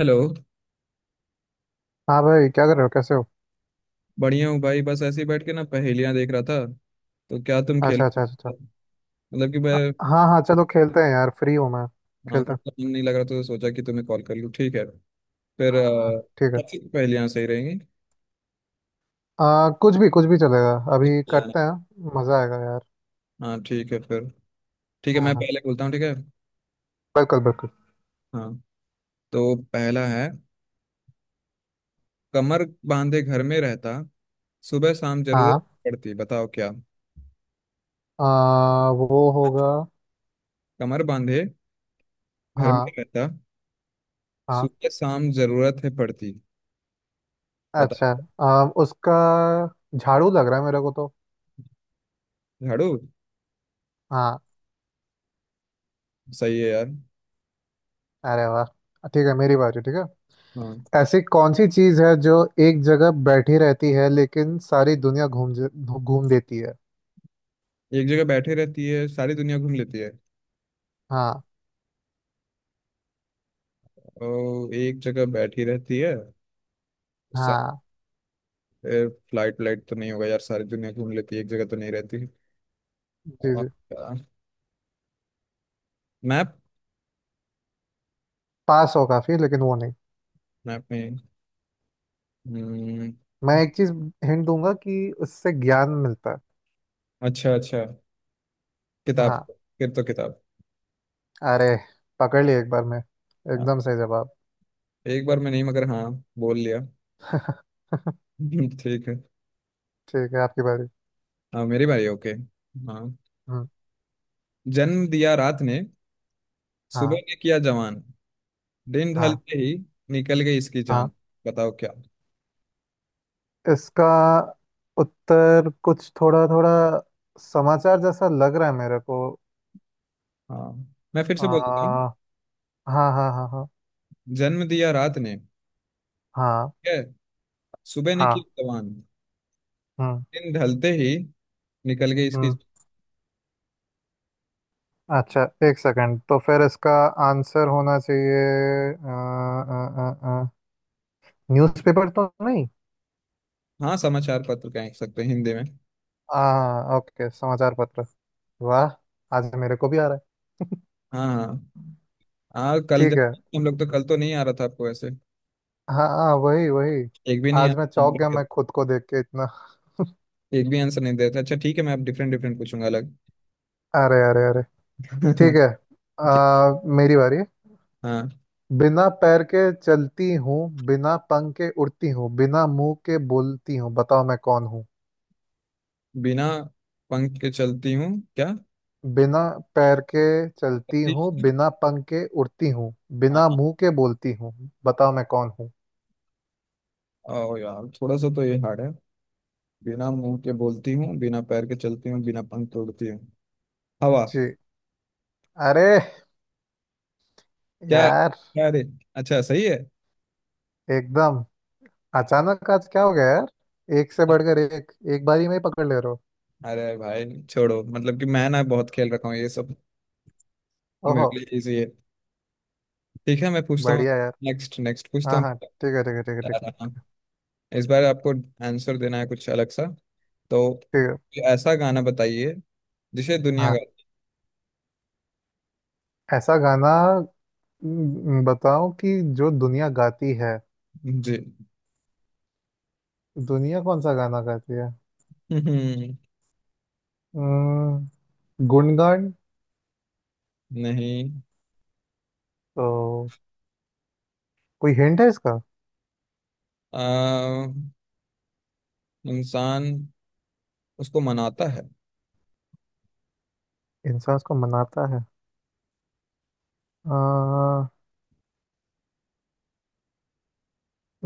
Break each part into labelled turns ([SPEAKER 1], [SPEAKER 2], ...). [SPEAKER 1] Hello.
[SPEAKER 2] हाँ भाई, क्या कर रहे हो? कैसे हो?
[SPEAKER 1] बढ़िया हूँ भाई, बस ऐसे ही बैठ के ना पहेलियाँ देख रहा था, तो क्या तुम
[SPEAKER 2] अच्छा,
[SPEAKER 1] खेलो?
[SPEAKER 2] अच्छा, अच्छा, अच्छा।
[SPEAKER 1] मतलब कि मैं,
[SPEAKER 2] हाँ, हाँ, चलो खेलते हैं यार, फ्री हूँ मैं।
[SPEAKER 1] हाँ,
[SPEAKER 2] खेलते
[SPEAKER 1] थोड़ा
[SPEAKER 2] हैं।
[SPEAKER 1] सा मन नहीं लग रहा, तो सोचा कि तुम्हें कॉल कर लूँ। ठीक है फिर
[SPEAKER 2] हाँ, ठीक है।
[SPEAKER 1] कैसी पहेलियाँ सही रहेंगी?
[SPEAKER 2] कुछ भी चलेगा, अभी करते हैं, मज़ा आएगा यार।
[SPEAKER 1] हाँ ठीक है फिर। ठीक है,
[SPEAKER 2] हाँ,
[SPEAKER 1] मैं
[SPEAKER 2] हाँ,
[SPEAKER 1] पहले बोलता हूँ, ठीक है?
[SPEAKER 2] बिल्कुल, बिल्कुल।
[SPEAKER 1] हाँ, तो पहला है, कमर बांधे घर में रहता, सुबह शाम जरूरत
[SPEAKER 2] हाँ।
[SPEAKER 1] पड़ती, बताओ क्या?
[SPEAKER 2] वो होगा।
[SPEAKER 1] कमर बांधे घर में
[SPEAKER 2] हाँ।
[SPEAKER 1] रहता,
[SPEAKER 2] हाँ।
[SPEAKER 1] सुबह शाम जरूरत है पड़ती, बताओ।
[SPEAKER 2] अच्छा। उसका झाड़ू लग रहा है मेरे को तो।
[SPEAKER 1] झाड़ू?
[SPEAKER 2] हाँ।
[SPEAKER 1] सही है यार।
[SPEAKER 2] अरे वाह! ठीक है, मेरी बारी, ठीक है।
[SPEAKER 1] हाँ,
[SPEAKER 2] ऐसी कौन सी चीज़ है जो एक जगह बैठी रहती है लेकिन सारी दुनिया घूम घूम देती है?
[SPEAKER 1] एक जगह बैठी रहती है सारी दुनिया घूम लेती है,
[SPEAKER 2] हाँ,
[SPEAKER 1] और एक जगह बैठी रहती है। सा-
[SPEAKER 2] हाँ।
[SPEAKER 1] ए, फ्लाइट व्लाइट तो नहीं होगा यार, सारी दुनिया घूम लेती है, एक जगह तो नहीं रहती।
[SPEAKER 2] जी,
[SPEAKER 1] और
[SPEAKER 2] जी।
[SPEAKER 1] मैप?
[SPEAKER 2] पास हो काफी, लेकिन वो नहीं।
[SPEAKER 1] मैप नहीं। हम्म,
[SPEAKER 2] मैं एक चीज हिंट दूंगा कि उससे ज्ञान मिलता है।
[SPEAKER 1] अच्छा अच्छा, किताब।
[SPEAKER 2] हाँ।
[SPEAKER 1] फिर तो किताब।
[SPEAKER 2] अरे, पकड़ लिया एक बार में
[SPEAKER 1] हाँ,
[SPEAKER 2] एकदम सही जवाब।
[SPEAKER 1] एक बार मैं नहीं, मगर हाँ, बोल लिया। ठीक है।
[SPEAKER 2] ठीक है, आपकी बारी।
[SPEAKER 1] हाँ मेरी बारी, ओके। हाँ,
[SPEAKER 2] हम्म।
[SPEAKER 1] जन्म दिया रात ने, सुबह
[SPEAKER 2] हाँ,
[SPEAKER 1] ने किया जवान, दिन
[SPEAKER 2] हाँ,
[SPEAKER 1] ढलते ही निकल गई इसकी
[SPEAKER 2] हाँ।
[SPEAKER 1] जान। बताओ क्या?
[SPEAKER 2] इसका उत्तर कुछ थोड़ा थोड़ा समाचार जैसा लग रहा है मेरे को।
[SPEAKER 1] हाँ मैं फिर से बोल देता हूँ।
[SPEAKER 2] हाँ, हाँ, हाँ। हाँ,
[SPEAKER 1] जन्म दिया रात ने,
[SPEAKER 2] हाँ,
[SPEAKER 1] ठीक है, सुबह निकली
[SPEAKER 2] हाँ।
[SPEAKER 1] जवान,
[SPEAKER 2] हम्म।
[SPEAKER 1] दिन ढलते ही निकल गई इसकी।
[SPEAKER 2] हम्म। अच्छा। एक सेकंड, तो फिर इसका आंसर होना चाहिए, न्यूज़पेपर तो नहीं?
[SPEAKER 1] हाँ, समाचार पत्र कह सकते हैं हिंदी में।
[SPEAKER 2] हाँ, ओके, समाचार पत्र। वाह! आज मेरे को भी आ रहा है।
[SPEAKER 1] हाँ हाँ। हाँ कल
[SPEAKER 2] ठीक
[SPEAKER 1] जब
[SPEAKER 2] है।
[SPEAKER 1] हम लोग, तो कल तो नहीं आ रहा था आपको ऐसे
[SPEAKER 2] हाँ, हाँ, वही वही।
[SPEAKER 1] एक भी नहीं आ,
[SPEAKER 2] आज मैं चौंक गया, मैं खुद को देख के इतना।
[SPEAKER 1] एक भी आंसर नहीं देता। अच्छा ठीक है, मैं अब डिफरेंट डिफरेंट पूछूंगा अलग।
[SPEAKER 2] अरे, अरे, अरे! ठीक है।
[SPEAKER 1] ठीक।
[SPEAKER 2] मेरी बारी है।
[SPEAKER 1] हाँ,
[SPEAKER 2] बिना पैर के चलती हूँ, बिना पंख के उड़ती हूँ, बिना मुंह के बोलती हूँ, बताओ मैं कौन हूँ?
[SPEAKER 1] बिना पंख के चलती हूँ क्या?
[SPEAKER 2] बिना पैर के चलती हूँ,
[SPEAKER 1] चलती-
[SPEAKER 2] बिना पंख के उड़ती हूँ,
[SPEAKER 1] हाँ
[SPEAKER 2] बिना
[SPEAKER 1] हाँ।
[SPEAKER 2] मुंह के बोलती हूँ, बताओ मैं कौन हूँ?
[SPEAKER 1] ओ यार थोड़ा सा तो ये हार्ड है। बिना मुंह के बोलती हूँ, बिना पैर के चलती हूँ, बिना पंख के उड़ती हूँ, हवा?
[SPEAKER 2] जी। अरे
[SPEAKER 1] क्या
[SPEAKER 2] यार!
[SPEAKER 1] क्या अरे, अच्छा सही है।
[SPEAKER 2] एकदम अचानक आज क्या हो गया यार! एक से बढ़कर एक, एक बारी में ही पकड़ ले रहे हो।
[SPEAKER 1] अरे भाई छोड़ो, मतलब कि मैं ना बहुत खेल रखा हूँ ये सब, मेरे
[SPEAKER 2] ओहो।
[SPEAKER 1] के लिए इजी है। ठीक है मैं पूछता हूँ।
[SPEAKER 2] बढ़िया यार।
[SPEAKER 1] नेक्स्ट नेक्स्ट पूछता
[SPEAKER 2] हाँ, हाँ।
[SPEAKER 1] हूँ।
[SPEAKER 2] ठीक है, ठीक है, ठीक है, ठीक है, ठीक
[SPEAKER 1] हाँ,
[SPEAKER 2] है,
[SPEAKER 1] इस बार आपको आंसर देना है कुछ अलग सा। तो
[SPEAKER 2] ठीक है।
[SPEAKER 1] कोई ऐसा गाना बताइए जिसे दुनिया गा,
[SPEAKER 2] हाँ। ऐसा गाना। बताओ कि जो दुनिया गाती है,
[SPEAKER 1] जी।
[SPEAKER 2] दुनिया कौन सा गाना गाती है? हम्म, गुणगान।
[SPEAKER 1] नहीं,
[SPEAKER 2] तो कोई हिंट है इसका?
[SPEAKER 1] आ, इंसान उसको मनाता है।
[SPEAKER 2] इंसान उसको मनाता है। आ,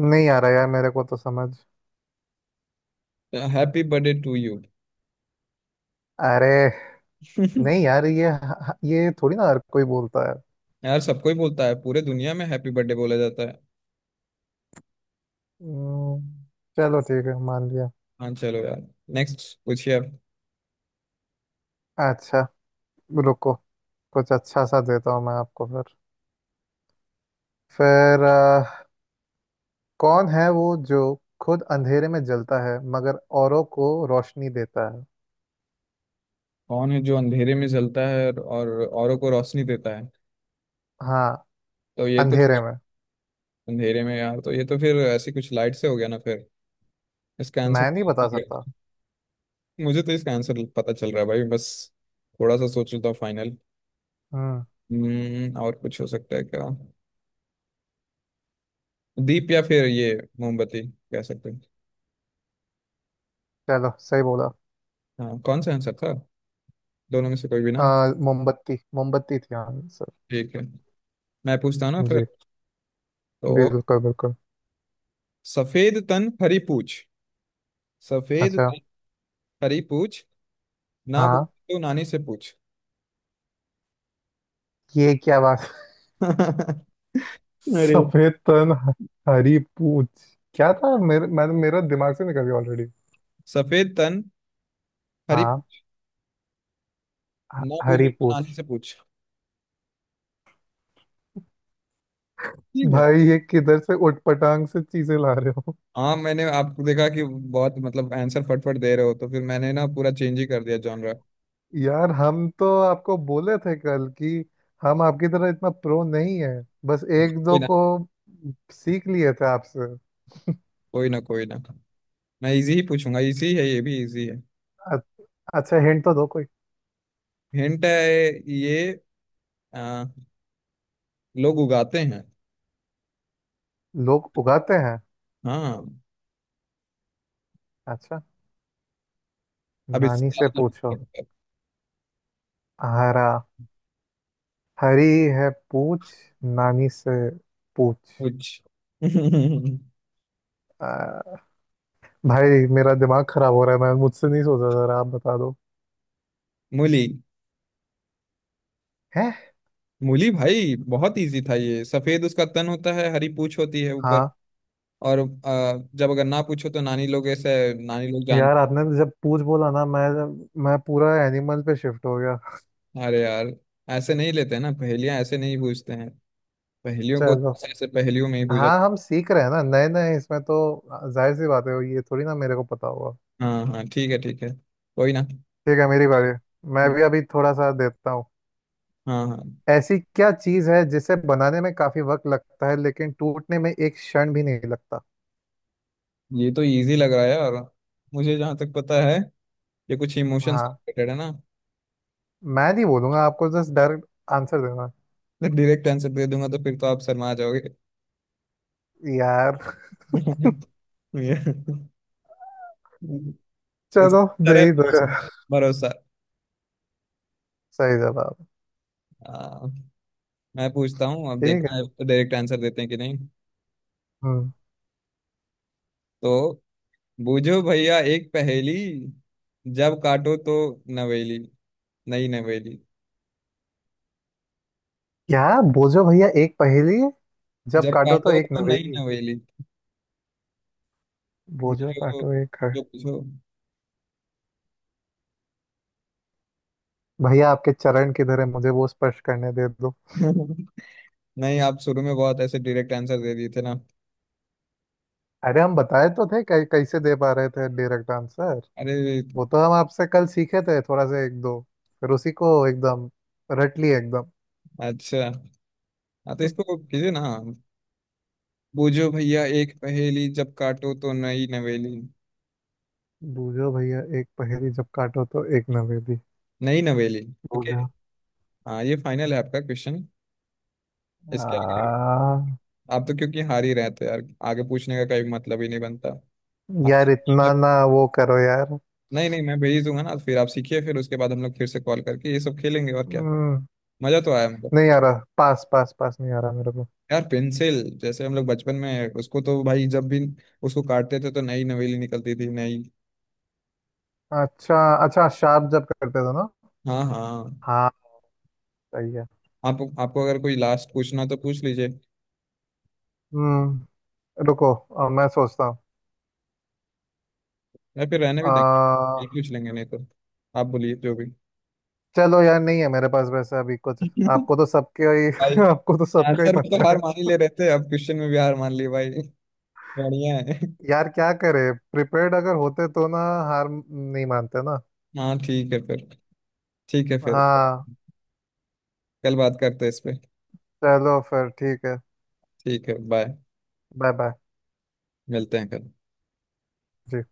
[SPEAKER 2] नहीं आ रहा यार मेरे को तो समझ।
[SPEAKER 1] Happy birthday to you.
[SPEAKER 2] अरे! नहीं यार, ये थोड़ी ना हर कोई बोलता है।
[SPEAKER 1] यार सबको ही बोलता है, पूरे दुनिया में हैप्पी बर्थडे बोला जाता है।
[SPEAKER 2] हम्म, चलो ठीक है, मान लिया।
[SPEAKER 1] हाँ चलो यार, नेक्स्ट पूछिए आप।
[SPEAKER 2] अच्छा। रुको, कुछ अच्छा सा देता हूँ मैं आपको। फिर कौन है वो जो खुद अंधेरे में जलता है मगर औरों को रोशनी देता है?
[SPEAKER 1] कौन है जो अंधेरे में जलता है और औरों को रोशनी देता है?
[SPEAKER 2] हाँ,
[SPEAKER 1] तो ये तो
[SPEAKER 2] अंधेरे में।
[SPEAKER 1] अंधेरे में यार, तो ये तो फिर ऐसी कुछ लाइट से हो गया ना फिर। इसका आंसर
[SPEAKER 2] मैं नहीं बता
[SPEAKER 1] ठीक है,
[SPEAKER 2] सकता।
[SPEAKER 1] मुझे तो इसका आंसर पता चल रहा है भाई, बस थोड़ा सा सोच लेता हूँ फाइनल।
[SPEAKER 2] हम्म।
[SPEAKER 1] हम्म, और कुछ हो सकता है क्या? दीप, या फिर ये मोमबत्ती कह सकते हैं।
[SPEAKER 2] चलो, सही बोला।
[SPEAKER 1] हाँ, कौन सा आंसर था, दोनों में से कोई भी ना?
[SPEAKER 2] अ, मोमबत्ती, मोमबत्ती थी आंसर।
[SPEAKER 1] ठीक है, मैं पूछता हूँ ना
[SPEAKER 2] जी।
[SPEAKER 1] फिर। तो
[SPEAKER 2] बिल्कुल, बिल्कुल।
[SPEAKER 1] सफेद तन हरी पूछ, सफेद
[SPEAKER 2] अच्छा।
[SPEAKER 1] तन हरी पूछ, ना बोल
[SPEAKER 2] हाँ।
[SPEAKER 1] तो नानी से पूछ।
[SPEAKER 2] ये क्या बात!
[SPEAKER 1] अरे,
[SPEAKER 2] सफेद तन, हरी पूछ। क्या था, मेरे मैं मेरा दिमाग से निकल गया ऑलरेडी।
[SPEAKER 1] सफेद तन हरी,
[SPEAKER 2] हाँ।
[SPEAKER 1] ना बूझी
[SPEAKER 2] हरी पूछ।
[SPEAKER 1] रानी से पूछ। ठीक है।
[SPEAKER 2] भाई ये किधर से उठपटांग से चीजें ला रहे हो?
[SPEAKER 1] हाँ मैंने आपको देखा कि बहुत मतलब आंसर फटफट दे रहे हो, तो फिर मैंने ना पूरा चेंज ही कर दिया जॉनरा।
[SPEAKER 2] यार हम तो आपको बोले थे कल कि हम आपकी तरह इतना प्रो नहीं है। बस एक
[SPEAKER 1] कोई
[SPEAKER 2] दो
[SPEAKER 1] ना,
[SPEAKER 2] को सीख लिए थे आपसे।
[SPEAKER 1] कोई ना, कोई ना। मैं इजी ही पूछूंगा, इजी है, ये भी इजी है।
[SPEAKER 2] अ- अच्छा, हिंट तो दो कोई।
[SPEAKER 1] हिंट है ये, आ, लोग उगाते हैं।
[SPEAKER 2] लोग उगाते हैं।
[SPEAKER 1] हाँ,
[SPEAKER 2] अच्छा।
[SPEAKER 1] अब
[SPEAKER 2] नानी
[SPEAKER 1] इसका
[SPEAKER 2] से
[SPEAKER 1] मतलब
[SPEAKER 2] पूछो। हरा, हरी है पूछ, नानी से पूछ।
[SPEAKER 1] कुछ।
[SPEAKER 2] अ, भाई मेरा दिमाग खराब हो रहा है, मैं मुझसे नहीं सोचा जरा, आप बता दो।
[SPEAKER 1] मूली।
[SPEAKER 2] हैं?
[SPEAKER 1] मूली भाई, बहुत इजी था ये। सफेद उसका तन होता है, हरी पूछ होती है ऊपर,
[SPEAKER 2] हाँ।
[SPEAKER 1] और जब अगर ना पूछो तो नानी लोग ऐसे नानी लोग जान।
[SPEAKER 2] यार आपने जब पूछ बोला ना, मैं पूरा एनिमल पे शिफ्ट हो गया।
[SPEAKER 1] अरे यार, ऐसे नहीं लेते ना पहेलियां, ऐसे नहीं पूछते हैं, पहेलियों को
[SPEAKER 2] चलो।
[SPEAKER 1] तो ऐसे पहेलियों में ही पूछा।
[SPEAKER 2] हाँ, हम सीख रहे हैं ना नए नए इसमें तो। जाहिर सी बात है, ये थोड़ी ना मेरे को पता होगा।
[SPEAKER 1] हाँ हाँ ठीक है ठीक है, कोई ना।
[SPEAKER 2] ठीक है, मेरी बारी। मैं भी अभी थोड़ा सा देता हूँ।
[SPEAKER 1] हाँ हाँ,
[SPEAKER 2] ऐसी क्या चीज़ है जिसे बनाने में काफी वक्त लगता है लेकिन टूटने में एक क्षण भी नहीं लगता?
[SPEAKER 1] ये तो इजी लग रहा है। और मुझे जहाँ तक पता है ये कुछ इमोशन से
[SPEAKER 2] हाँ।
[SPEAKER 1] रिलेटेड है ना।
[SPEAKER 2] मैं नहीं बोलूंगा आपको, जस्ट डायरेक्ट आंसर देना।
[SPEAKER 1] तो डायरेक्ट आंसर दे दूंगा तो फिर तो आप शर्मा जाओगे।
[SPEAKER 2] यार,
[SPEAKER 1] ये- इस
[SPEAKER 2] चलो दे
[SPEAKER 1] तरह,
[SPEAKER 2] ही दो
[SPEAKER 1] भरोसा,
[SPEAKER 2] यार।
[SPEAKER 1] भरोसा।
[SPEAKER 2] सही जवाब।
[SPEAKER 1] हाँ, मैं पूछता हूँ अब,
[SPEAKER 2] ठीक है।
[SPEAKER 1] देखना है डायरेक्ट आंसर देते हैं कि नहीं।
[SPEAKER 2] हम्म।
[SPEAKER 1] तो, बूझो भैया एक पहेली, जब काटो तो नवेली, नई नवेली,
[SPEAKER 2] क्या? बोझो भैया एक पहेली, जब
[SPEAKER 1] जब
[SPEAKER 2] काटो तो
[SPEAKER 1] काटो
[SPEAKER 2] एक
[SPEAKER 1] तो नई
[SPEAKER 2] नवेदी?
[SPEAKER 1] नवेली। जो
[SPEAKER 2] बोझो, काटो, एक है?
[SPEAKER 1] जो पूछो।
[SPEAKER 2] भैया आपके चरण किधर है? मुझे वो स्पर्श करने दे दो।
[SPEAKER 1] नहीं, आप शुरू में बहुत ऐसे डायरेक्ट आंसर दे दिए थे ना।
[SPEAKER 2] अरे, हम बताए तो थे कैसे दे पा रहे थे डायरेक्ट आंसर।
[SPEAKER 1] अरे
[SPEAKER 2] वो तो हम आपसे कल सीखे थे थोड़ा सा, एक दो। फिर उसी को एकदम रट लिए एकदम।
[SPEAKER 1] अच्छा। हाँ तो इसको कीजिए ना, बूझो भैया एक पहेली, जब काटो तो नई नवेली,
[SPEAKER 2] बूझो भैया एक पहेली, जब काटो तो एक नवेदी?
[SPEAKER 1] नई नवेली। ओके।
[SPEAKER 2] बूझो।
[SPEAKER 1] हाँ ये फाइनल है आपका क्वेश्चन, इसके आगे
[SPEAKER 2] आ,
[SPEAKER 1] आप तो क्योंकि हार ही रहते यार, आगे पूछने का कोई मतलब ही नहीं बनता।
[SPEAKER 2] यार इतना ना वो करो यार।
[SPEAKER 1] नहीं नहीं, मैं भेज दूंगा ना फिर, आप सीखिए, फिर उसके बाद हम लोग फिर से कॉल करके ये सब खेलेंगे, और क्या।
[SPEAKER 2] हम्म,
[SPEAKER 1] मजा तो आया मतलब।
[SPEAKER 2] नहीं आ रहा, पास पास पास नहीं आ रहा मेरे को।
[SPEAKER 1] यार पेंसिल, जैसे हम लोग बचपन में उसको तो भाई जब भी उसको काटते थे तो नई नवेली निकलती थी, नई।
[SPEAKER 2] अच्छा, अच्छा, शार्प जब करते थे ना।
[SPEAKER 1] हाँ हाँ।
[SPEAKER 2] हाँ। सही है।
[SPEAKER 1] आप, आपको अगर कोई लास्ट पूछना तो पूछ लीजिए,
[SPEAKER 2] हम्म। रुको, मैं सोचता हूँ।
[SPEAKER 1] या फिर रहने
[SPEAKER 2] अ,
[SPEAKER 1] भी देंगे, नहीं पूछ लेंगे, नहीं तो आप बोलिए जो भी।
[SPEAKER 2] चलो यार, नहीं है मेरे पास वैसे अभी कुछ। आपको तो सबके
[SPEAKER 1] भाई,
[SPEAKER 2] ही आपको तो सबका ही
[SPEAKER 1] आंसर में तो
[SPEAKER 2] पता
[SPEAKER 1] हार
[SPEAKER 2] है।
[SPEAKER 1] मान ही ले रहे थे, अब क्वेश्चन में भी हार मान ली भाई, बढ़िया है।
[SPEAKER 2] यार क्या करे, प्रिपेयर्ड अगर होते तो ना, हार नहीं मानते ना।
[SPEAKER 1] हाँ ठीक है फिर, ठीक है फिर,
[SPEAKER 2] हाँ।
[SPEAKER 1] कल बात करते हैं इस पे।
[SPEAKER 2] चलो फिर, ठीक है।
[SPEAKER 1] ठीक है बाय,
[SPEAKER 2] बाय, बाय।
[SPEAKER 1] मिलते हैं कल।
[SPEAKER 2] जी।